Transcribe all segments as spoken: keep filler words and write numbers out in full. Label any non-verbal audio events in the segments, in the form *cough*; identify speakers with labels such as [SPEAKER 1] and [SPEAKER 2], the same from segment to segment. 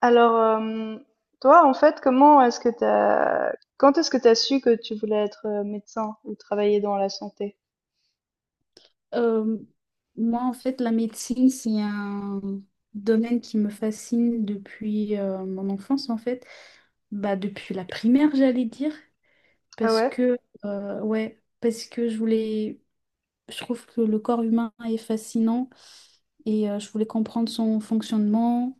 [SPEAKER 1] Alors, euh, toi, en fait, comment est-ce que t'as, quand est-ce que t'as su que tu voulais être euh, médecin ou travailler dans la santé?
[SPEAKER 2] Euh, Moi, en fait, la médecine, c'est un domaine qui me fascine depuis euh, mon enfance, en fait. Bah, depuis la primaire, j'allais dire.
[SPEAKER 1] Ah
[SPEAKER 2] parce
[SPEAKER 1] ouais?
[SPEAKER 2] que, euh, ouais, parce que je voulais, je trouve que le corps humain est fascinant et euh, je voulais comprendre son fonctionnement,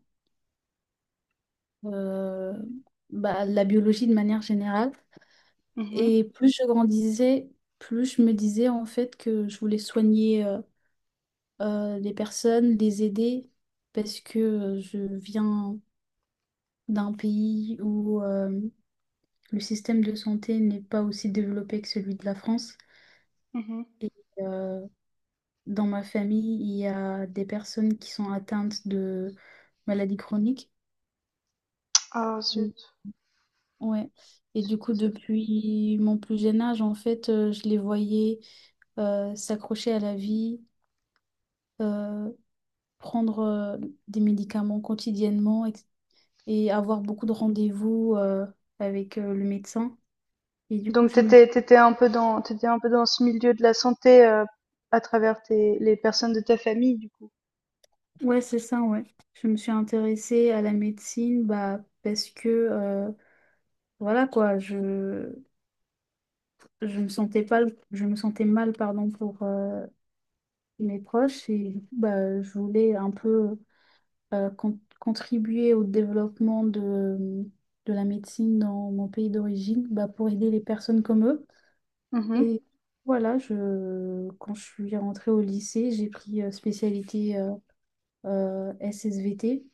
[SPEAKER 2] euh, bah, la biologie de manière générale.
[SPEAKER 1] Mhm.
[SPEAKER 2] Et plus je grandissais, plus je me disais, en fait, que je voulais soigner, euh, euh, les personnes, les aider, parce que euh, je viens d'un pays où euh, le système de santé n'est pas aussi développé que celui de la France.
[SPEAKER 1] Mhm.
[SPEAKER 2] Et euh, dans ma famille, il y a des personnes qui sont atteintes de maladies chroniques.
[SPEAKER 1] Ah
[SPEAKER 2] Mm.
[SPEAKER 1] zut,
[SPEAKER 2] Ouais. Et
[SPEAKER 1] je suis
[SPEAKER 2] du coup,
[SPEAKER 1] désolée.
[SPEAKER 2] depuis mon plus jeune âge, en fait, euh, je les voyais euh, s'accrocher à la vie, euh, prendre euh, des médicaments quotidiennement, et avoir beaucoup de rendez-vous euh, avec euh, le médecin. Et du coup,
[SPEAKER 1] Donc
[SPEAKER 2] je me...
[SPEAKER 1] t'étais, t'étais un peu dans, t'étais un peu dans ce milieu de la santé euh, à travers tes, les personnes de ta famille, du coup.
[SPEAKER 2] Ouais, c'est ça, ouais. Je me suis intéressée à la médecine, bah, parce que, euh, voilà quoi, je, je me sentais pas, je me sentais mal, pardon, pour euh, mes proches et du coup, bah, je voulais un peu euh, con- contribuer au développement de, de la médecine dans mon pays d'origine, bah, pour aider les personnes comme eux.
[SPEAKER 1] Mhm.
[SPEAKER 2] Et voilà, je, quand je suis rentrée au lycée, j'ai pris euh, spécialité euh, euh, S S V T.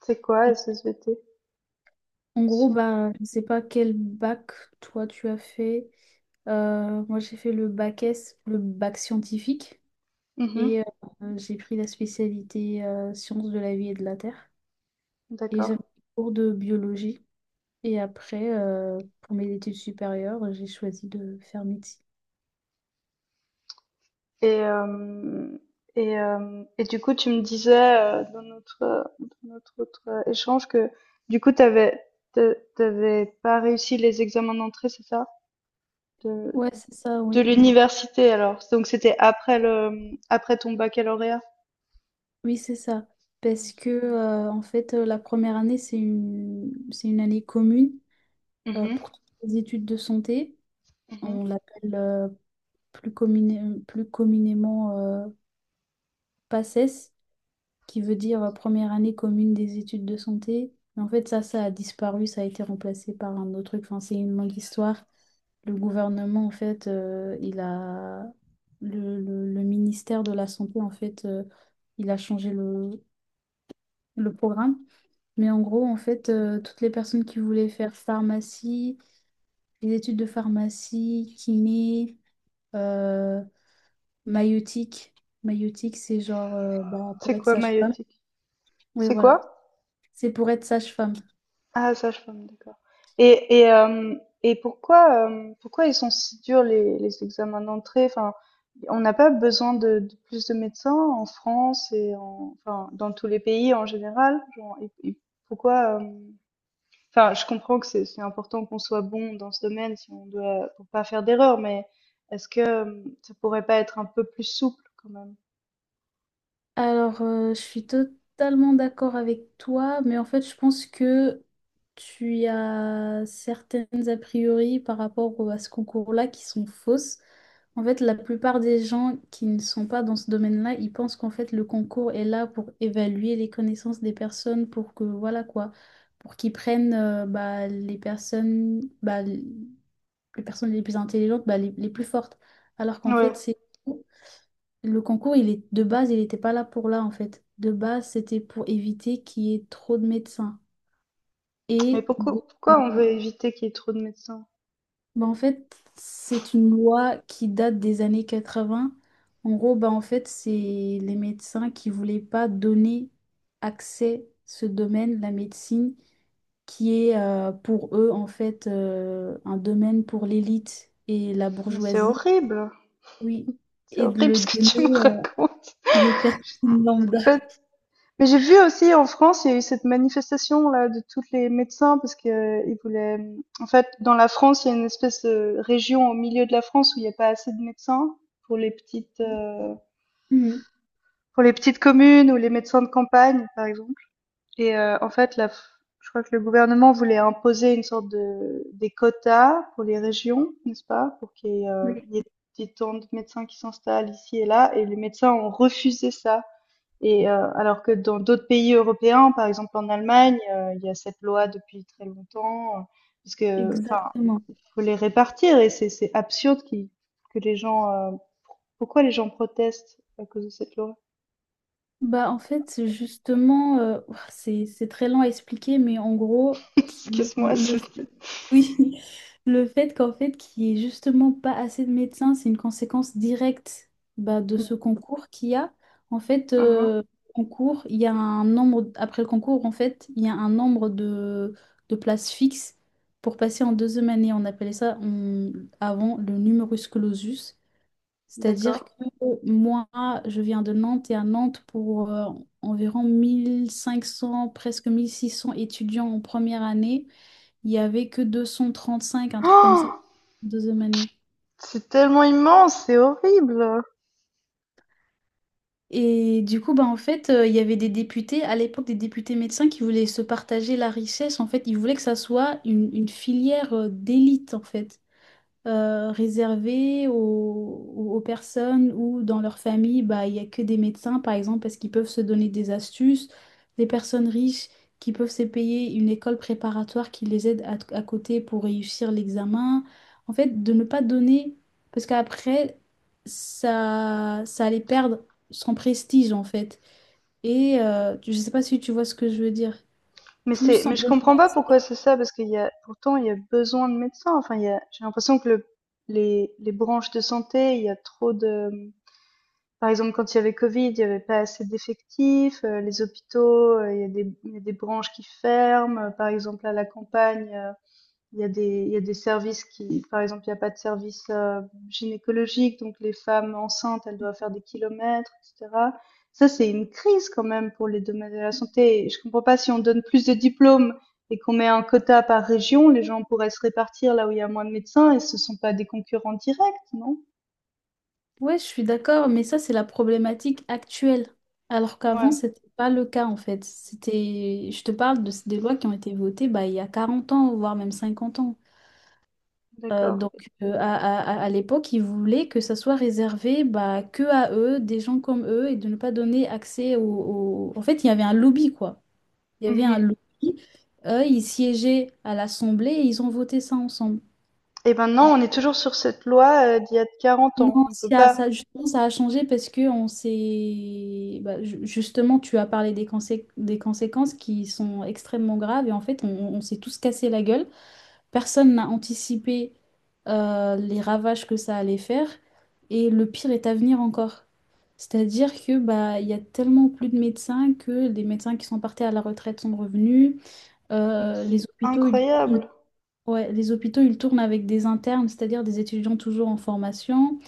[SPEAKER 1] C'est quoi
[SPEAKER 2] Et
[SPEAKER 1] S S V T?
[SPEAKER 2] en gros,
[SPEAKER 1] Science.
[SPEAKER 2] bah, je ne sais pas quel bac toi tu as fait. Euh, moi, j'ai fait le bac S, le bac scientifique.
[SPEAKER 1] Mhm.
[SPEAKER 2] Et euh, j'ai pris la spécialité euh, sciences de la vie et de la terre. Et
[SPEAKER 1] D'accord.
[SPEAKER 2] j'avais des cours de biologie. Et après, euh, pour mes études supérieures, j'ai choisi de faire médecine.
[SPEAKER 1] Et, euh, et, euh, et du coup, tu me disais euh, dans notre, euh, dans notre autre euh, échange que du coup, t'avais, t'a- t'avais pas réussi les examens d'entrée, c'est ça? De,
[SPEAKER 2] Ouais, c'est ça,
[SPEAKER 1] de
[SPEAKER 2] oui.
[SPEAKER 1] l'université alors. Donc c'était après le, après ton baccalauréat.
[SPEAKER 2] Oui, c'est ça. Parce que, euh, en fait, euh, la première année, c'est une, c'est une année commune euh,
[SPEAKER 1] Mhm.
[SPEAKER 2] pour toutes les études de santé.
[SPEAKER 1] Mhm.
[SPEAKER 2] On l'appelle euh, plus, commune- plus communément euh, PACES, qui veut dire euh, première année commune des études de santé. Mais en fait, ça, ça a disparu, ça a été remplacé par un autre truc. Enfin, c'est une longue histoire. Le gouvernement, en fait, euh, il a... Le, le- le ministère de la Santé, en fait, euh, il a changé le, le programme. Mais en gros, en fait, euh, toutes les personnes qui voulaient faire pharmacie, les études de pharmacie, kiné, euh, maïeutique. Maïeutique, c'est genre euh, bah, pour
[SPEAKER 1] C'est
[SPEAKER 2] être
[SPEAKER 1] quoi
[SPEAKER 2] sage-femme.
[SPEAKER 1] maïeutique?
[SPEAKER 2] Oui,
[SPEAKER 1] C'est
[SPEAKER 2] voilà.
[SPEAKER 1] quoi?
[SPEAKER 2] C'est pour être sage-femme.
[SPEAKER 1] Ah ça je comprends, d'accord. Et et euh, et pourquoi euh, pourquoi ils sont si durs les les examens d'entrée? Enfin, on n'a pas besoin de, de plus de médecins en France et en, enfin dans tous les pays en général. Genre, et- et pourquoi? euh, Enfin, je comprends que c'est c'est important qu'on soit bon dans ce domaine si on doit, pour pas faire d'erreur, mais est-ce que euh, ça pourrait pas être un peu plus souple quand même?
[SPEAKER 2] Alors, euh, je suis totalement d'accord avec toi, mais en fait, je pense que tu as certaines a priori par rapport au- à ce concours-là qui sont fausses. En fait, la plupart des gens qui ne sont pas dans ce domaine-là, ils pensent qu'en fait, le concours est là pour évaluer les connaissances des personnes, pour que, voilà quoi, pour qu'ils prennent euh, bah, les personnes, bah, les personnes les plus intelligentes, bah, les les plus fortes. Alors qu'en
[SPEAKER 1] Ouais.
[SPEAKER 2] fait, c'est... Le concours, il est de base, il n'était pas là pour là, en fait. De base, c'était pour éviter qu'il y ait trop de médecins.
[SPEAKER 1] Mais
[SPEAKER 2] Et de-
[SPEAKER 1] pourquoi pourquoi on veut éviter qu'il y ait trop de médecins?
[SPEAKER 2] Bah, en fait, c'est une loi qui date des années quatre-vingts. En gros, bah, en fait, c'est les médecins qui voulaient pas donner accès ce domaine, la médecine, qui est euh, pour eux en fait euh, un domaine pour l'élite et la
[SPEAKER 1] Mais c'est
[SPEAKER 2] bourgeoisie.
[SPEAKER 1] horrible.
[SPEAKER 2] Oui.
[SPEAKER 1] C'est
[SPEAKER 2] Et de
[SPEAKER 1] horrible
[SPEAKER 2] le
[SPEAKER 1] ce que tu me
[SPEAKER 2] donner euh,
[SPEAKER 1] racontes.
[SPEAKER 2] à des personnes lambda.
[SPEAKER 1] En fait, mais j'ai vu aussi en France, il y a eu cette manifestation là de tous les médecins parce que euh, ils voulaient. En fait, dans la France, il y a une espèce de région au milieu de la France où il n'y a pas assez de médecins pour les petites euh, pour les petites communes ou les médecins de campagne, par exemple. Et euh, en fait, la, je crois que le gouvernement voulait imposer une sorte de des quotas pour les régions, n'est-ce pas, pour qu'il y ait, euh,
[SPEAKER 2] Mhm.
[SPEAKER 1] il y ait des tant de médecins qui s'installent ici et là. Et les médecins ont refusé ça. Et heu, alors que dans d'autres pays européens, par exemple en Allemagne, heu, il y a cette loi depuis très longtemps. euh, Parce que, enfin,
[SPEAKER 2] Exactement.
[SPEAKER 1] faut les répartir et c'est c'est absurde qui que les gens, heu pourquoi les gens protestent à cause de cette loi?
[SPEAKER 2] Bah, en fait, c'est justement, euh, ouah, c'est c'est très lent à expliquer, mais en gros,
[SPEAKER 1] *laughs*
[SPEAKER 2] le,
[SPEAKER 1] Excuse-moi,
[SPEAKER 2] le, le
[SPEAKER 1] je te
[SPEAKER 2] fait, *laughs* oui, le fait qu'en fait, qu'il n'y ait justement pas assez de médecins, c'est une conséquence directe, bah, de ce concours qu'il y a. En fait,
[SPEAKER 1] Mmh mh,
[SPEAKER 2] euh, concours, il y a un nombre, après le concours, en fait, il y a un nombre de, de places fixes pour passer en deuxième année. On appelait ça, on- avant, le numerus clausus. C'est-à-dire
[SPEAKER 1] d'accord.
[SPEAKER 2] que moi, je viens de Nantes et à Nantes, pour euh, environ mille cinq cents, presque mille six cents étudiants en première année, il n'y avait que deux cent trente-cinq, un truc comme ça,
[SPEAKER 1] Oh,
[SPEAKER 2] deuxième année.
[SPEAKER 1] c'est tellement immense, c'est horrible!
[SPEAKER 2] Et du coup, bah, en fait, euh, il y avait des députés, à l'époque, des députés médecins qui voulaient se partager la richesse. En fait, ils voulaient que ça soit une, une filière euh, d'élite, en fait. Euh, réservé aux, aux- aux personnes où dans leur famille, bah, il n'y a que des médecins, par exemple, parce qu'ils peuvent se donner des astuces, des personnes riches qui peuvent se payer une école préparatoire qui les aide à, à côté pour réussir l'examen. En fait, de ne pas donner, parce qu'après, ça, ça allait perdre son prestige, en fait. Et euh, je ne sais pas si tu vois ce que je veux dire.
[SPEAKER 1] Mais c'est,
[SPEAKER 2] Plus on
[SPEAKER 1] mais je
[SPEAKER 2] donne.
[SPEAKER 1] comprends pas pourquoi c'est ça parce qu'il y a, pourtant il y a besoin de médecins, enfin il y a, j'ai l'impression que le les les branches de santé, il y a trop de. Par exemple, quand il y avait Covid, il y avait pas assez d'effectifs, heu, les hôpitaux, heu, il y a des, il y a des branches qui ferment. Euh, par exemple à la campagne, heu, il y a des, il y a des services qui par exemple, il y a pas de service, heu, gynécologique, donc les femmes enceintes, elles doivent faire des kilomètres, et cetera. Ça, c'est une crise quand même pour les domaines de la santé et je comprends pas si on donne plus de diplômes et qu'on met un quota par région, les gens pourraient se répartir là où il y a moins de médecins et ce sont pas des concurrents directs, non?
[SPEAKER 2] Ouais, je suis d'accord, mais ça, c'est la problématique actuelle. Alors qu'avant,
[SPEAKER 1] Ouais,
[SPEAKER 2] c'était pas le cas, en fait. C'était, je te parle de, des lois qui ont été votées, bah, il y a quarante ans, voire même cinquante ans. Euh,
[SPEAKER 1] d'accord.
[SPEAKER 2] donc, euh, à, à- à- à l'époque, ils voulaient que ça soit réservé, bah, que à eux, des gens comme eux, et de ne pas donner accès aux... En fait, il y avait un lobby, quoi. Il y avait un
[SPEAKER 1] Mmh.
[SPEAKER 2] lobby. Eux, ils siégeaient à l'Assemblée et ils ont voté ça ensemble.
[SPEAKER 1] Et maintenant, on est toujours sur cette loi euh, d'il y a quarante
[SPEAKER 2] Non,
[SPEAKER 1] ans. On peut
[SPEAKER 2] ça,
[SPEAKER 1] pas.
[SPEAKER 2] ça, justement, ça a changé parce que on s'est... bah, ju- justement, tu as parlé des, consé- des conséquences qui sont extrêmement graves et en fait, on, on s'est tous cassé la gueule. Personne n'a anticipé euh, les ravages que ça allait faire, et le pire est à venir encore. C'est-à-dire que, bah, il y a tellement plus de médecins que les médecins qui sont partis à la retraite sont revenus.
[SPEAKER 1] Mais
[SPEAKER 2] Euh, les
[SPEAKER 1] c'est
[SPEAKER 2] hôpitaux, ils...
[SPEAKER 1] incroyable.
[SPEAKER 2] Ouais, les hôpitaux, ils tournent avec des internes, c'est-à-dire des étudiants toujours en formation.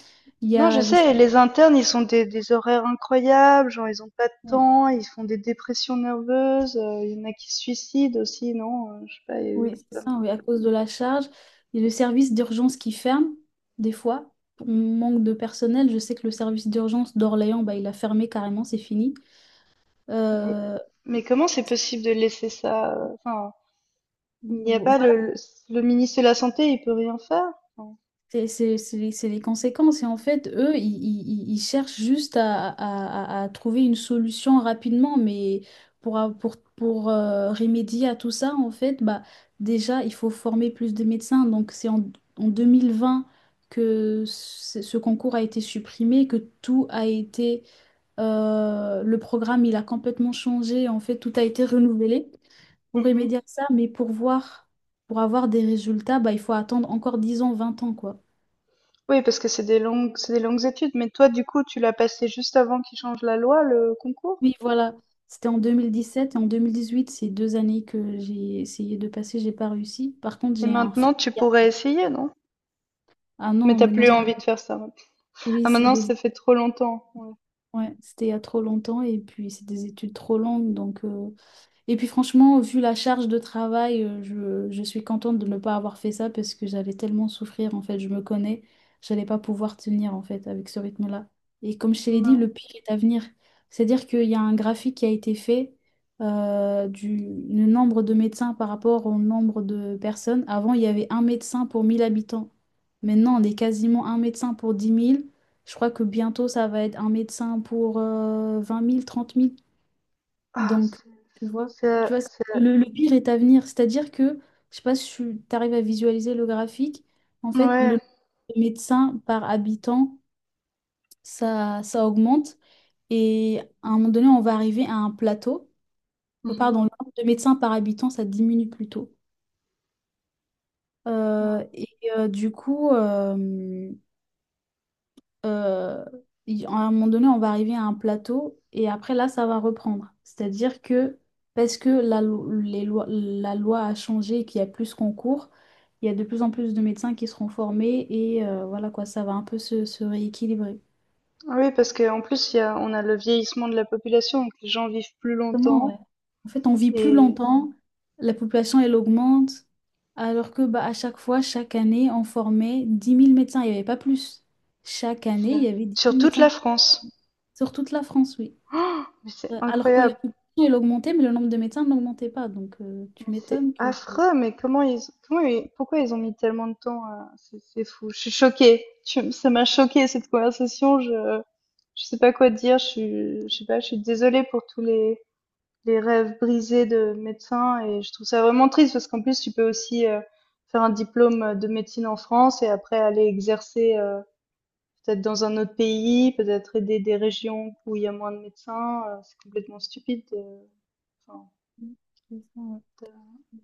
[SPEAKER 2] Il y
[SPEAKER 1] Non, je
[SPEAKER 2] a les...
[SPEAKER 1] sais, les internes, ils sont des, des horaires incroyables, genre ils ont pas de
[SPEAKER 2] Ouais.
[SPEAKER 1] temps, ils font des dépressions nerveuses, euh, il y en a qui se suicident aussi, non, euh, je sais pas, il y a eu.
[SPEAKER 2] Oui, c'est ça, oui, à cause de la charge. Il y a le service d'urgence qui ferme, des fois. On manque de personnel. Je sais que le service d'urgence d'Orléans, bah, il a fermé carrément, c'est fini.
[SPEAKER 1] Mais,
[SPEAKER 2] Euh,
[SPEAKER 1] mais comment c'est possible de laisser ça? euh, Enfin, il n'y a pas le, le, le ministre de la Santé, il peut rien faire. Enfin,
[SPEAKER 2] C'est c'est- c'est les c'est les conséquences. Et en fait, eux, ils, ils- ils- ils cherchent juste à, à- à- à trouver une solution rapidement. Mais pour, a- pour, pour euh, remédier à tout ça, en fait, bah, déjà, il faut former plus de médecins. Donc, c'est en, en deux mille vingt que ce ce concours a été supprimé, que tout a été... euh, Le programme, il a complètement changé. En fait, tout a été renouvelé pour
[SPEAKER 1] mhm.
[SPEAKER 2] remédier à ça. Mais pour voir, pour avoir des résultats, bah, il faut attendre encore dix ans, vingt ans, quoi.
[SPEAKER 1] Oui, parce que c'est des longues, c'est des longues études, mais toi, du coup, tu l'as passé juste avant qu'ils changent la loi, le concours?
[SPEAKER 2] Oui, voilà. C'était en deux mille dix sept et en deux mille dix huit, c'est deux années que j'ai essayé de passer, j'ai pas réussi. Par contre,
[SPEAKER 1] Et
[SPEAKER 2] j'ai un frère.
[SPEAKER 1] maintenant, tu pourrais essayer, non?
[SPEAKER 2] Ah
[SPEAKER 1] Mais
[SPEAKER 2] non,
[SPEAKER 1] t'as
[SPEAKER 2] mais non,
[SPEAKER 1] plus
[SPEAKER 2] c'est-
[SPEAKER 1] envie de faire ça. Ouais.
[SPEAKER 2] oui,
[SPEAKER 1] Ah,
[SPEAKER 2] c'est
[SPEAKER 1] maintenant,
[SPEAKER 2] des...
[SPEAKER 1] ça fait trop longtemps. Ouais.
[SPEAKER 2] Ouais, c'était il y a trop longtemps et puis c'est des études trop longues, donc euh, Et puis franchement, vu la charge de travail, euh, je, je suis contente de ne pas avoir fait ça parce que j'allais tellement souffrir, en fait, je me connais, j'allais pas pouvoir tenir, en fait, avec ce rythme-là. Et comme je te l'ai dit,
[SPEAKER 1] Ouais.
[SPEAKER 2] le pire est à venir. C'est-à-dire qu'il y a un graphique qui a été fait euh, du le nombre de médecins par rapport au nombre de personnes. Avant, il y avait un médecin pour mille habitants. Maintenant, on est quasiment un médecin pour dix mille. Je crois que bientôt, ça va être un médecin pour euh, vingt mille, trente mille.
[SPEAKER 1] Ah,
[SPEAKER 2] Donc,
[SPEAKER 1] c'est,
[SPEAKER 2] tu vois,
[SPEAKER 1] c'est,
[SPEAKER 2] tu vois,
[SPEAKER 1] c'est-
[SPEAKER 2] le, le pire est à venir. C'est-à-dire que, je sais pas si tu arrives à visualiser le graphique, en fait,
[SPEAKER 1] ouais.
[SPEAKER 2] le médecin par habitant, ça, ça augmente. Et à un moment donné, on va arriver à un plateau. Euh,
[SPEAKER 1] Mhm.
[SPEAKER 2] Pardon, le nombre de médecins par habitant, ça diminue plutôt. Euh,
[SPEAKER 1] Ouais.
[SPEAKER 2] et euh, du coup, euh, euh, il- à un moment donné, on va arriver à un plateau et après là, ça va reprendre. C'est-à-dire que parce que la, lo- les lois, la loi a changé et qu'il y a plus de concours, il y a de plus en plus de médecins qui seront formés et euh, voilà quoi, ça va un peu se, se rééquilibrer.
[SPEAKER 1] Ah oui, parce qu'en plus, il y a, on a le vieillissement de la population, donc les gens vivent plus
[SPEAKER 2] Comment, ouais.
[SPEAKER 1] longtemps
[SPEAKER 2] En fait, on vit plus
[SPEAKER 1] et
[SPEAKER 2] longtemps, la population elle augmente, alors que bah, à chaque fois, chaque année, on formait dix mille médecins, il n'y avait pas plus. Chaque année, il
[SPEAKER 1] c'est-
[SPEAKER 2] y avait dix
[SPEAKER 1] sur
[SPEAKER 2] mille
[SPEAKER 1] toute
[SPEAKER 2] médecins
[SPEAKER 1] la France.
[SPEAKER 2] sur toute la France, oui.
[SPEAKER 1] Mais c'est
[SPEAKER 2] Euh, Alors que la
[SPEAKER 1] incroyable.
[SPEAKER 2] population elle augmentait, mais le nombre de médecins n'augmentait pas. Donc, euh,
[SPEAKER 1] Mais
[SPEAKER 2] tu
[SPEAKER 1] c'est
[SPEAKER 2] m'étonnes que...
[SPEAKER 1] affreux, mais comment ils, comment ils- pourquoi ils ont mis tellement de temps à... C'est c'est fou, je suis choquée. Tu- ça m'a choquée cette conversation. Je, je sais pas quoi dire. Je suis, je sais pas. Je suis désolée pour tous les, les rêves brisés de médecins et je trouve ça vraiment triste parce qu'en plus tu peux aussi euh, faire un diplôme de médecine en France et après aller exercer euh, peut-être dans un autre pays, peut-être aider des régions où il y a moins de médecins. Euh, C'est complètement stupide. euh, enfin,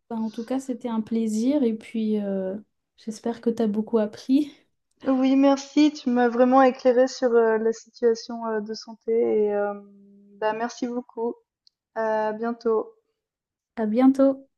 [SPEAKER 2] Ben, en tout cas, c'était un plaisir et puis euh, j'espère que tu as beaucoup appris.
[SPEAKER 1] Oui, merci. Tu m'as vraiment éclairé sur euh, la situation euh, de santé et euh, bah, merci beaucoup. À bientôt.
[SPEAKER 2] À bientôt.